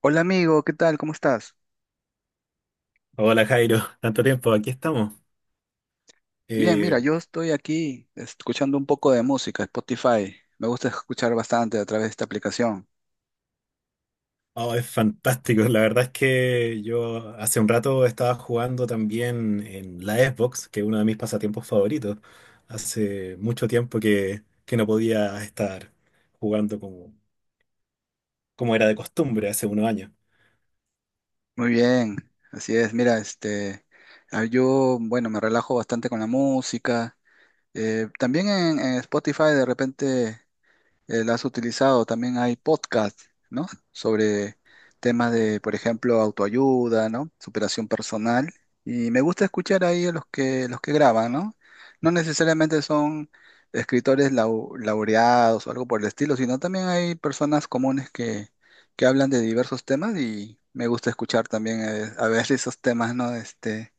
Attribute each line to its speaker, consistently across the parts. Speaker 1: Hola amigo, ¿qué tal? ¿Cómo estás?
Speaker 2: Hola Jairo, tanto tiempo, aquí estamos.
Speaker 1: Bien, mira,
Speaker 2: Eh,
Speaker 1: yo estoy aquí escuchando un poco de música, Spotify. Me gusta escuchar bastante a través de esta aplicación.
Speaker 2: oh, es fantástico, la verdad es que yo hace un rato estaba jugando también en la Xbox, que es uno de mis pasatiempos favoritos. Hace mucho tiempo que no podía estar jugando como era de costumbre hace unos años.
Speaker 1: Muy bien, así es. Mira, este, ah, yo, bueno, me relajo bastante con la música. También en Spotify de repente la has utilizado. También hay podcasts, ¿no? Sobre temas de, por ejemplo, autoayuda, ¿no? Superación personal. Y me gusta escuchar ahí a los que graban, ¿no? No necesariamente son escritores laureados o algo por el estilo, sino también hay personas comunes que hablan de diversos temas y me gusta escuchar también a veces esos temas, ¿no? Este,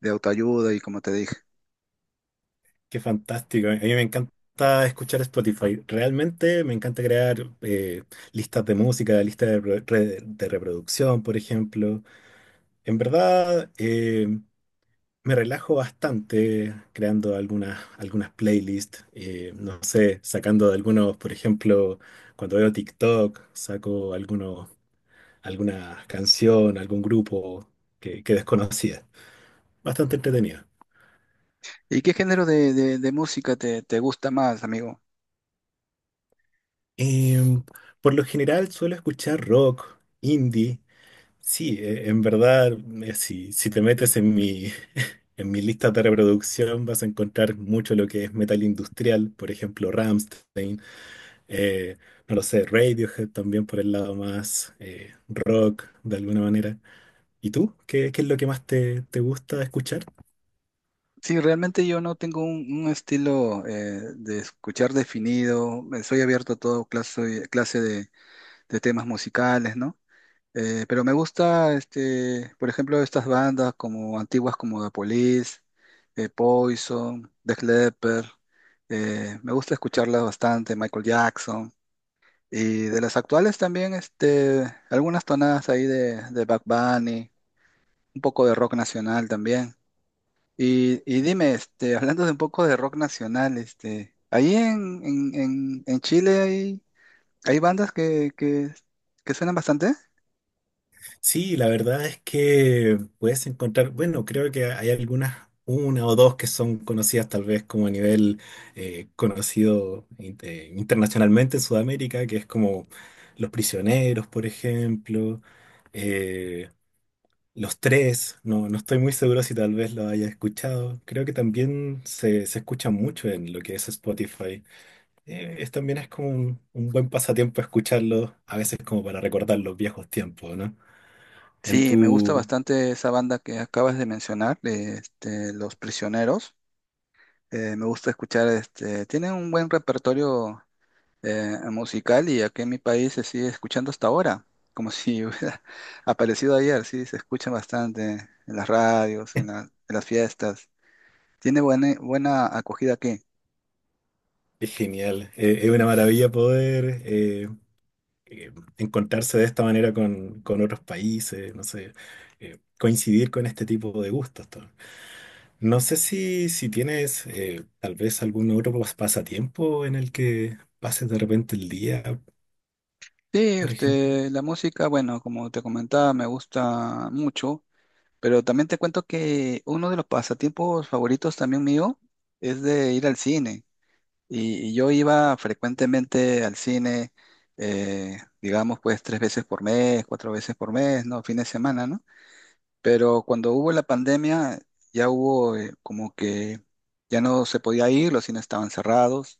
Speaker 1: de autoayuda y como te dije.
Speaker 2: Qué fantástico, a mí me encanta escuchar Spotify, realmente me encanta crear listas de música, listas de reproducción, por ejemplo. En verdad... eh, Me relajo bastante creando algunas playlists, no sé, sacando de algunos, por ejemplo, cuando veo TikTok, saco algunos, alguna canción, algún grupo que desconocía. Bastante entretenido.
Speaker 1: ¿Y qué género de música te gusta más, amigo?
Speaker 2: Em, por lo general suelo escuchar rock, indie. Sí, en verdad, si te metes en mi, en mi lista de reproducción vas a encontrar mucho lo que es metal industrial, por ejemplo, Rammstein. Eh, no lo sé, Radiohead también por el lado más rock de alguna manera. ¿Y tú? ¿Qué es lo que más te gusta escuchar?
Speaker 1: Sí, realmente yo no tengo un estilo de escuchar definido, soy abierto a todo clase de temas musicales, ¿no? Pero me gusta, este, por ejemplo, estas bandas como antiguas como The Police, Poison, Def Leppard, me gusta escucharlas bastante, Michael Jackson, y de las actuales también, este, algunas tonadas ahí de Bad Bunny, un poco de rock nacional también. Y dime, este, hablando de un poco de rock nacional, este, ahí en Chile hay bandas que suenan bastante.
Speaker 2: Sí, la verdad es que puedes encontrar, bueno, creo que hay algunas, una o dos que son conocidas tal vez como a nivel conocido internacionalmente en Sudamérica, que es como Los Prisioneros, por ejemplo. eh, Los tres, no, no estoy muy seguro si tal vez lo haya escuchado. Creo que también se escucha mucho en lo que es Spotify. También es como un buen pasatiempo escucharlo, a veces como para recordar los viejos tiempos, ¿no? En
Speaker 1: Sí, me gusta
Speaker 2: tu...
Speaker 1: bastante esa banda que acabas de mencionar, de, este, Los Prisioneros. Me gusta escuchar, este, tienen un buen repertorio musical y aquí en mi país se sigue escuchando hasta ahora, como si hubiera aparecido ayer, sí, se escucha bastante en las radios, en las fiestas. Tiene buena, buena acogida aquí.
Speaker 2: Es genial. Es una maravilla poder eh, encontrarse de esta manera con otros países, no sé, coincidir con este tipo de gustos, ¿no? No sé si tienes tal vez algún otro pasatiempo en el que pases de repente el día,
Speaker 1: Sí,
Speaker 2: por ejemplo.
Speaker 1: este, la música, bueno, como te comentaba, me gusta mucho, pero también te cuento que uno de los pasatiempos favoritos también mío es de ir al cine. Y yo iba frecuentemente al cine, digamos, pues tres veces por mes, cuatro veces por mes, ¿no? Fin de semana, ¿no? Pero cuando hubo la pandemia, ya hubo como que ya no se podía ir, los cines estaban cerrados.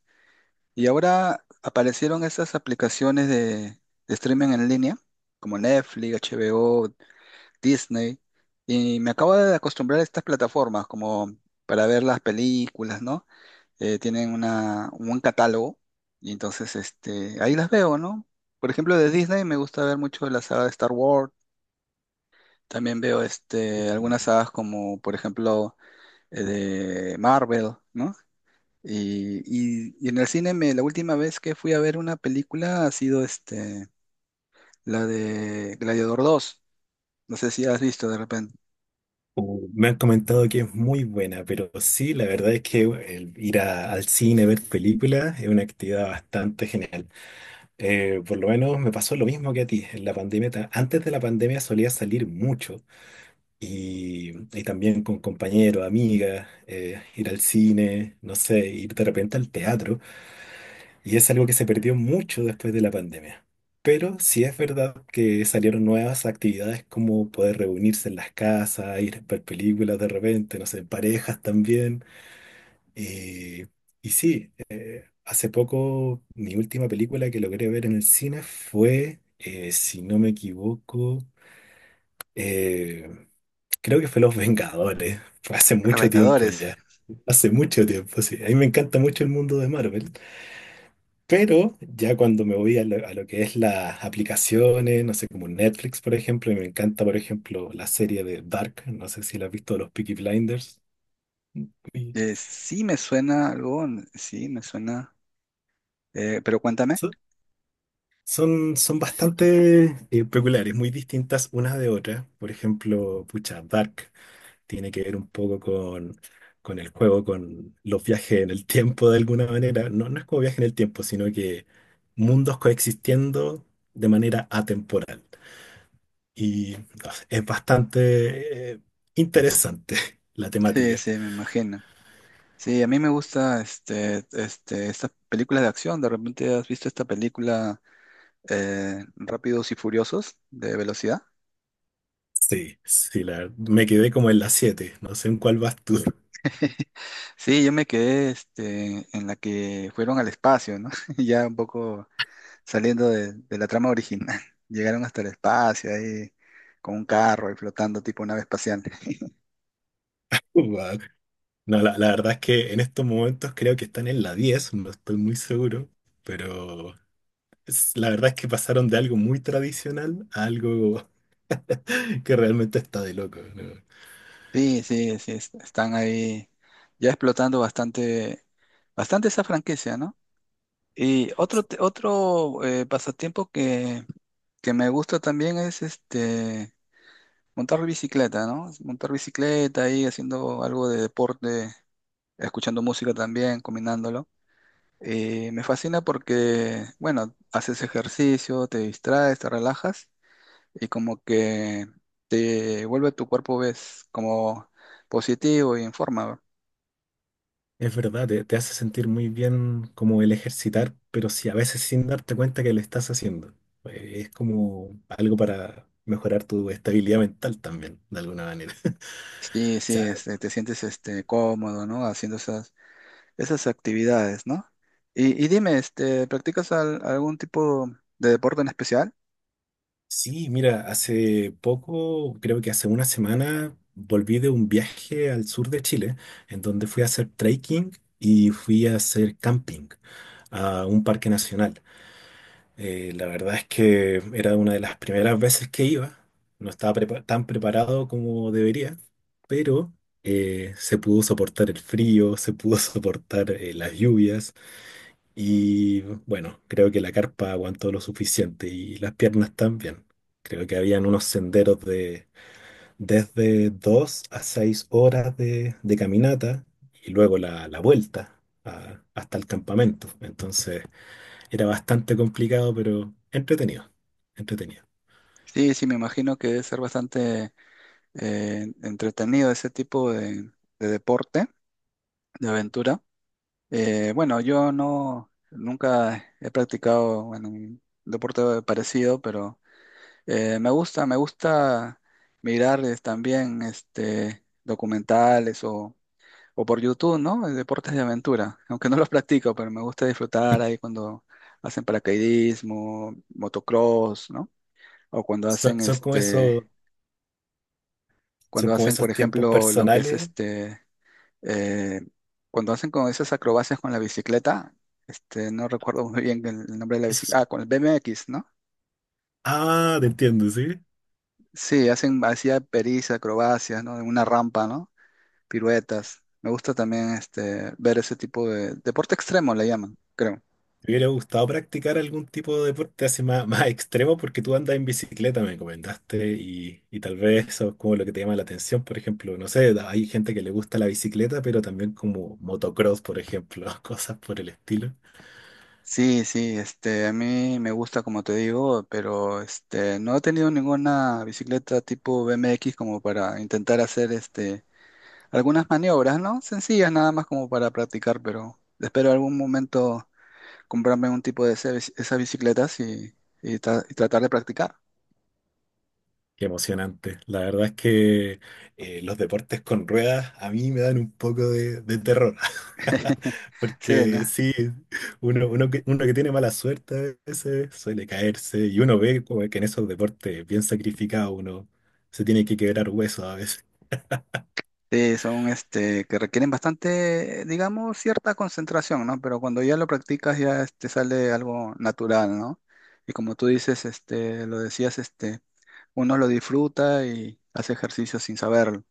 Speaker 1: Y ahora aparecieron esas aplicaciones de streaming en línea, como Netflix, HBO, Disney, y me acabo de acostumbrar a estas plataformas como para ver las películas, ¿no? Tienen una, un buen catálogo, y entonces este, ahí las veo, ¿no? Por ejemplo, de Disney me gusta ver mucho la saga de Star Wars, también veo este, algunas sagas como, por ejemplo, de Marvel, ¿no? Y en el cine la última vez que fui a ver una película ha sido este, la de Gladiador dos. No sé si has visto de repente.
Speaker 2: O me han comentado que es muy buena, pero sí, la verdad es que el ir al cine, ver películas, es una actividad bastante genial. Por lo menos me pasó lo mismo que a ti. En la pandemia, antes de la pandemia solía salir mucho y, y también con compañeros, amigas, ir al cine, no sé, ir de repente al teatro. Y es algo que se perdió mucho después de la pandemia. Pero sí es verdad que salieron nuevas actividades como poder reunirse en las casas, ir a ver películas de repente, no sé, en parejas también. Eh, y sí, hace poco mi última película que logré ver en el cine fue, si no me equivoco, eh, creo que fue Los Vengadores. Fue hace
Speaker 1: Los
Speaker 2: mucho tiempo
Speaker 1: Vengadores.
Speaker 2: ya. Hace mucho tiempo, sí. A mí me encanta mucho el mundo de Marvel. Pero ya cuando me voy a lo, que es las aplicaciones, no sé, como Netflix, por ejemplo, y me encanta, por ejemplo, la serie de Dark, no sé si la has visto, los Peaky Blinders. y
Speaker 1: Sí me suena algo, sí me suena. Pero cuéntame.
Speaker 2: so- son, son bastante peculiares, muy distintas unas de otras. Por ejemplo, pucha, Dark tiene que ver un poco con el juego, con los viajes en el tiempo de alguna manera. No, no es como viaje en el tiempo, sino que mundos coexistiendo de manera atemporal. Y no es bastante interesante la
Speaker 1: Sí,
Speaker 2: temática.
Speaker 1: sí, me imagino. Sí, a mí me gusta este, estas películas de acción. ¿De repente has visto esta película Rápidos y Furiosos de velocidad?
Speaker 2: Sí, sí, me quedé como en la siete. No sé en cuál vas tú.
Speaker 1: Sí, yo me quedé este, en la que fueron al espacio, ¿no? Ya un poco saliendo de la trama original. Llegaron hasta el espacio, ahí con un carro ahí flotando tipo nave espacial.
Speaker 2: Guau. No, la verdad es que en estos momentos creo que están en la diez. No estoy muy seguro, pero la verdad es que pasaron de algo muy tradicional a algo que realmente está de loco, ¿no?
Speaker 1: Sí, sí, sí, están ahí ya explotando bastante, bastante esa franquicia, ¿no? Y otro, otro pasatiempo que me gusta también es este montar bicicleta, ¿no? Montar bicicleta ahí haciendo algo de deporte, escuchando música también, combinándolo. Me fascina porque, bueno, haces ejercicio, te distraes, te relajas y como que te vuelve tu cuerpo, ves, como positivo y en forma, ¿no?
Speaker 2: Es verdad, te hace sentir muy bien como el ejercitar, pero sí a veces sin darte cuenta que lo estás haciendo. Es como algo para mejorar tu estabilidad mental también, de alguna manera.
Speaker 1: Sí,
Speaker 2: O
Speaker 1: sí,
Speaker 2: sea,
Speaker 1: este, te sientes este, cómodo, ¿no? Haciendo esas actividades, ¿no? Y dime, este, ¿practicas algún tipo de deporte en especial?
Speaker 2: sí, mira, hace poco, creo que hace una semana, volví de un viaje al sur de Chile, en donde fui a hacer trekking y fui a hacer camping a un parque nacional. La verdad es que era una de las primeras veces que iba. No estaba tan preparado como debería, pero se pudo soportar el frío, se pudo soportar las lluvias y bueno, creo que la carpa aguantó lo suficiente y las piernas también. Creo que habían unos senderos de desde 2 a 6 horas de caminata y luego la vuelta hasta el campamento. Entonces. Era bastante complicado, pero entretenido, entretenido.
Speaker 1: Sí, sí, me imagino que debe ser bastante entretenido ese tipo de deporte, de aventura. Bueno, yo no nunca he practicado bueno, un deporte parecido, pero me gusta mirar también este documentales o por YouTube, ¿no? Deportes de aventura, aunque no los practico, pero me gusta disfrutar ahí cuando hacen paracaidismo, motocross, ¿no? O cuando
Speaker 2: Son,
Speaker 1: hacen
Speaker 2: son como
Speaker 1: este,
Speaker 2: esos, son
Speaker 1: cuando
Speaker 2: como
Speaker 1: hacen, por
Speaker 2: esos tiempos
Speaker 1: ejemplo, lo que es
Speaker 2: personales.
Speaker 1: este eh, cuando hacen con esas acrobacias con la bicicleta, este, no recuerdo muy bien el nombre de la
Speaker 2: Esos,
Speaker 1: bicicleta, ah, con el BMX, ¿no?
Speaker 2: ah, te entiendo, ¿sí?
Speaker 1: Sí, hacen, hacía pericias, acrobacias, ¿no? En una rampa, ¿no? Piruetas. Me gusta también este, ver ese tipo de deporte extremo, le llaman, creo.
Speaker 2: Me hubiera gustado practicar algún tipo de deporte así más, más extremo porque tú andas en bicicleta, me comentaste, y tal vez eso es como lo que te llama la atención. Por ejemplo, no sé, hay gente que le gusta la bicicleta, pero también como motocross, por ejemplo, cosas por el estilo.
Speaker 1: Sí, sí, este, a mí me gusta, como te digo, pero este, no he tenido ninguna bicicleta tipo BMX como para intentar hacer este, algunas maniobras, ¿no? Sencillas nada más como para practicar, pero espero algún momento comprarme un tipo de esas bicicletas y tratar de practicar.
Speaker 2: Qué emocionante. La verdad es que los deportes con ruedas a mí me dan un poco de terror.
Speaker 1: Sí, ¿no?
Speaker 2: Porque sí, uno que tiene mala suerte a veces suele caerse y uno ve como que en esos deportes bien sacrificados uno se tiene que quebrar huesos a veces.
Speaker 1: Sí, son este, que requieren bastante, digamos, cierta concentración, ¿no? Pero cuando ya lo practicas ya este, sale algo natural, ¿no? Y como tú dices, este, lo decías, este, uno lo disfruta y hace ejercicio sin saberlo.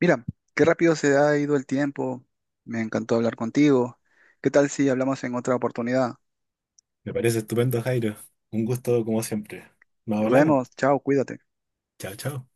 Speaker 1: Mira, qué rápido se ha ido el tiempo. Me encantó hablar contigo. ¿Qué tal si hablamos en otra oportunidad?
Speaker 2: Me parece estupendo, Jairo. Un gusto como siempre. Nos
Speaker 1: Nos
Speaker 2: hablamos.
Speaker 1: vemos. Chao, cuídate.
Speaker 2: Chao, chao.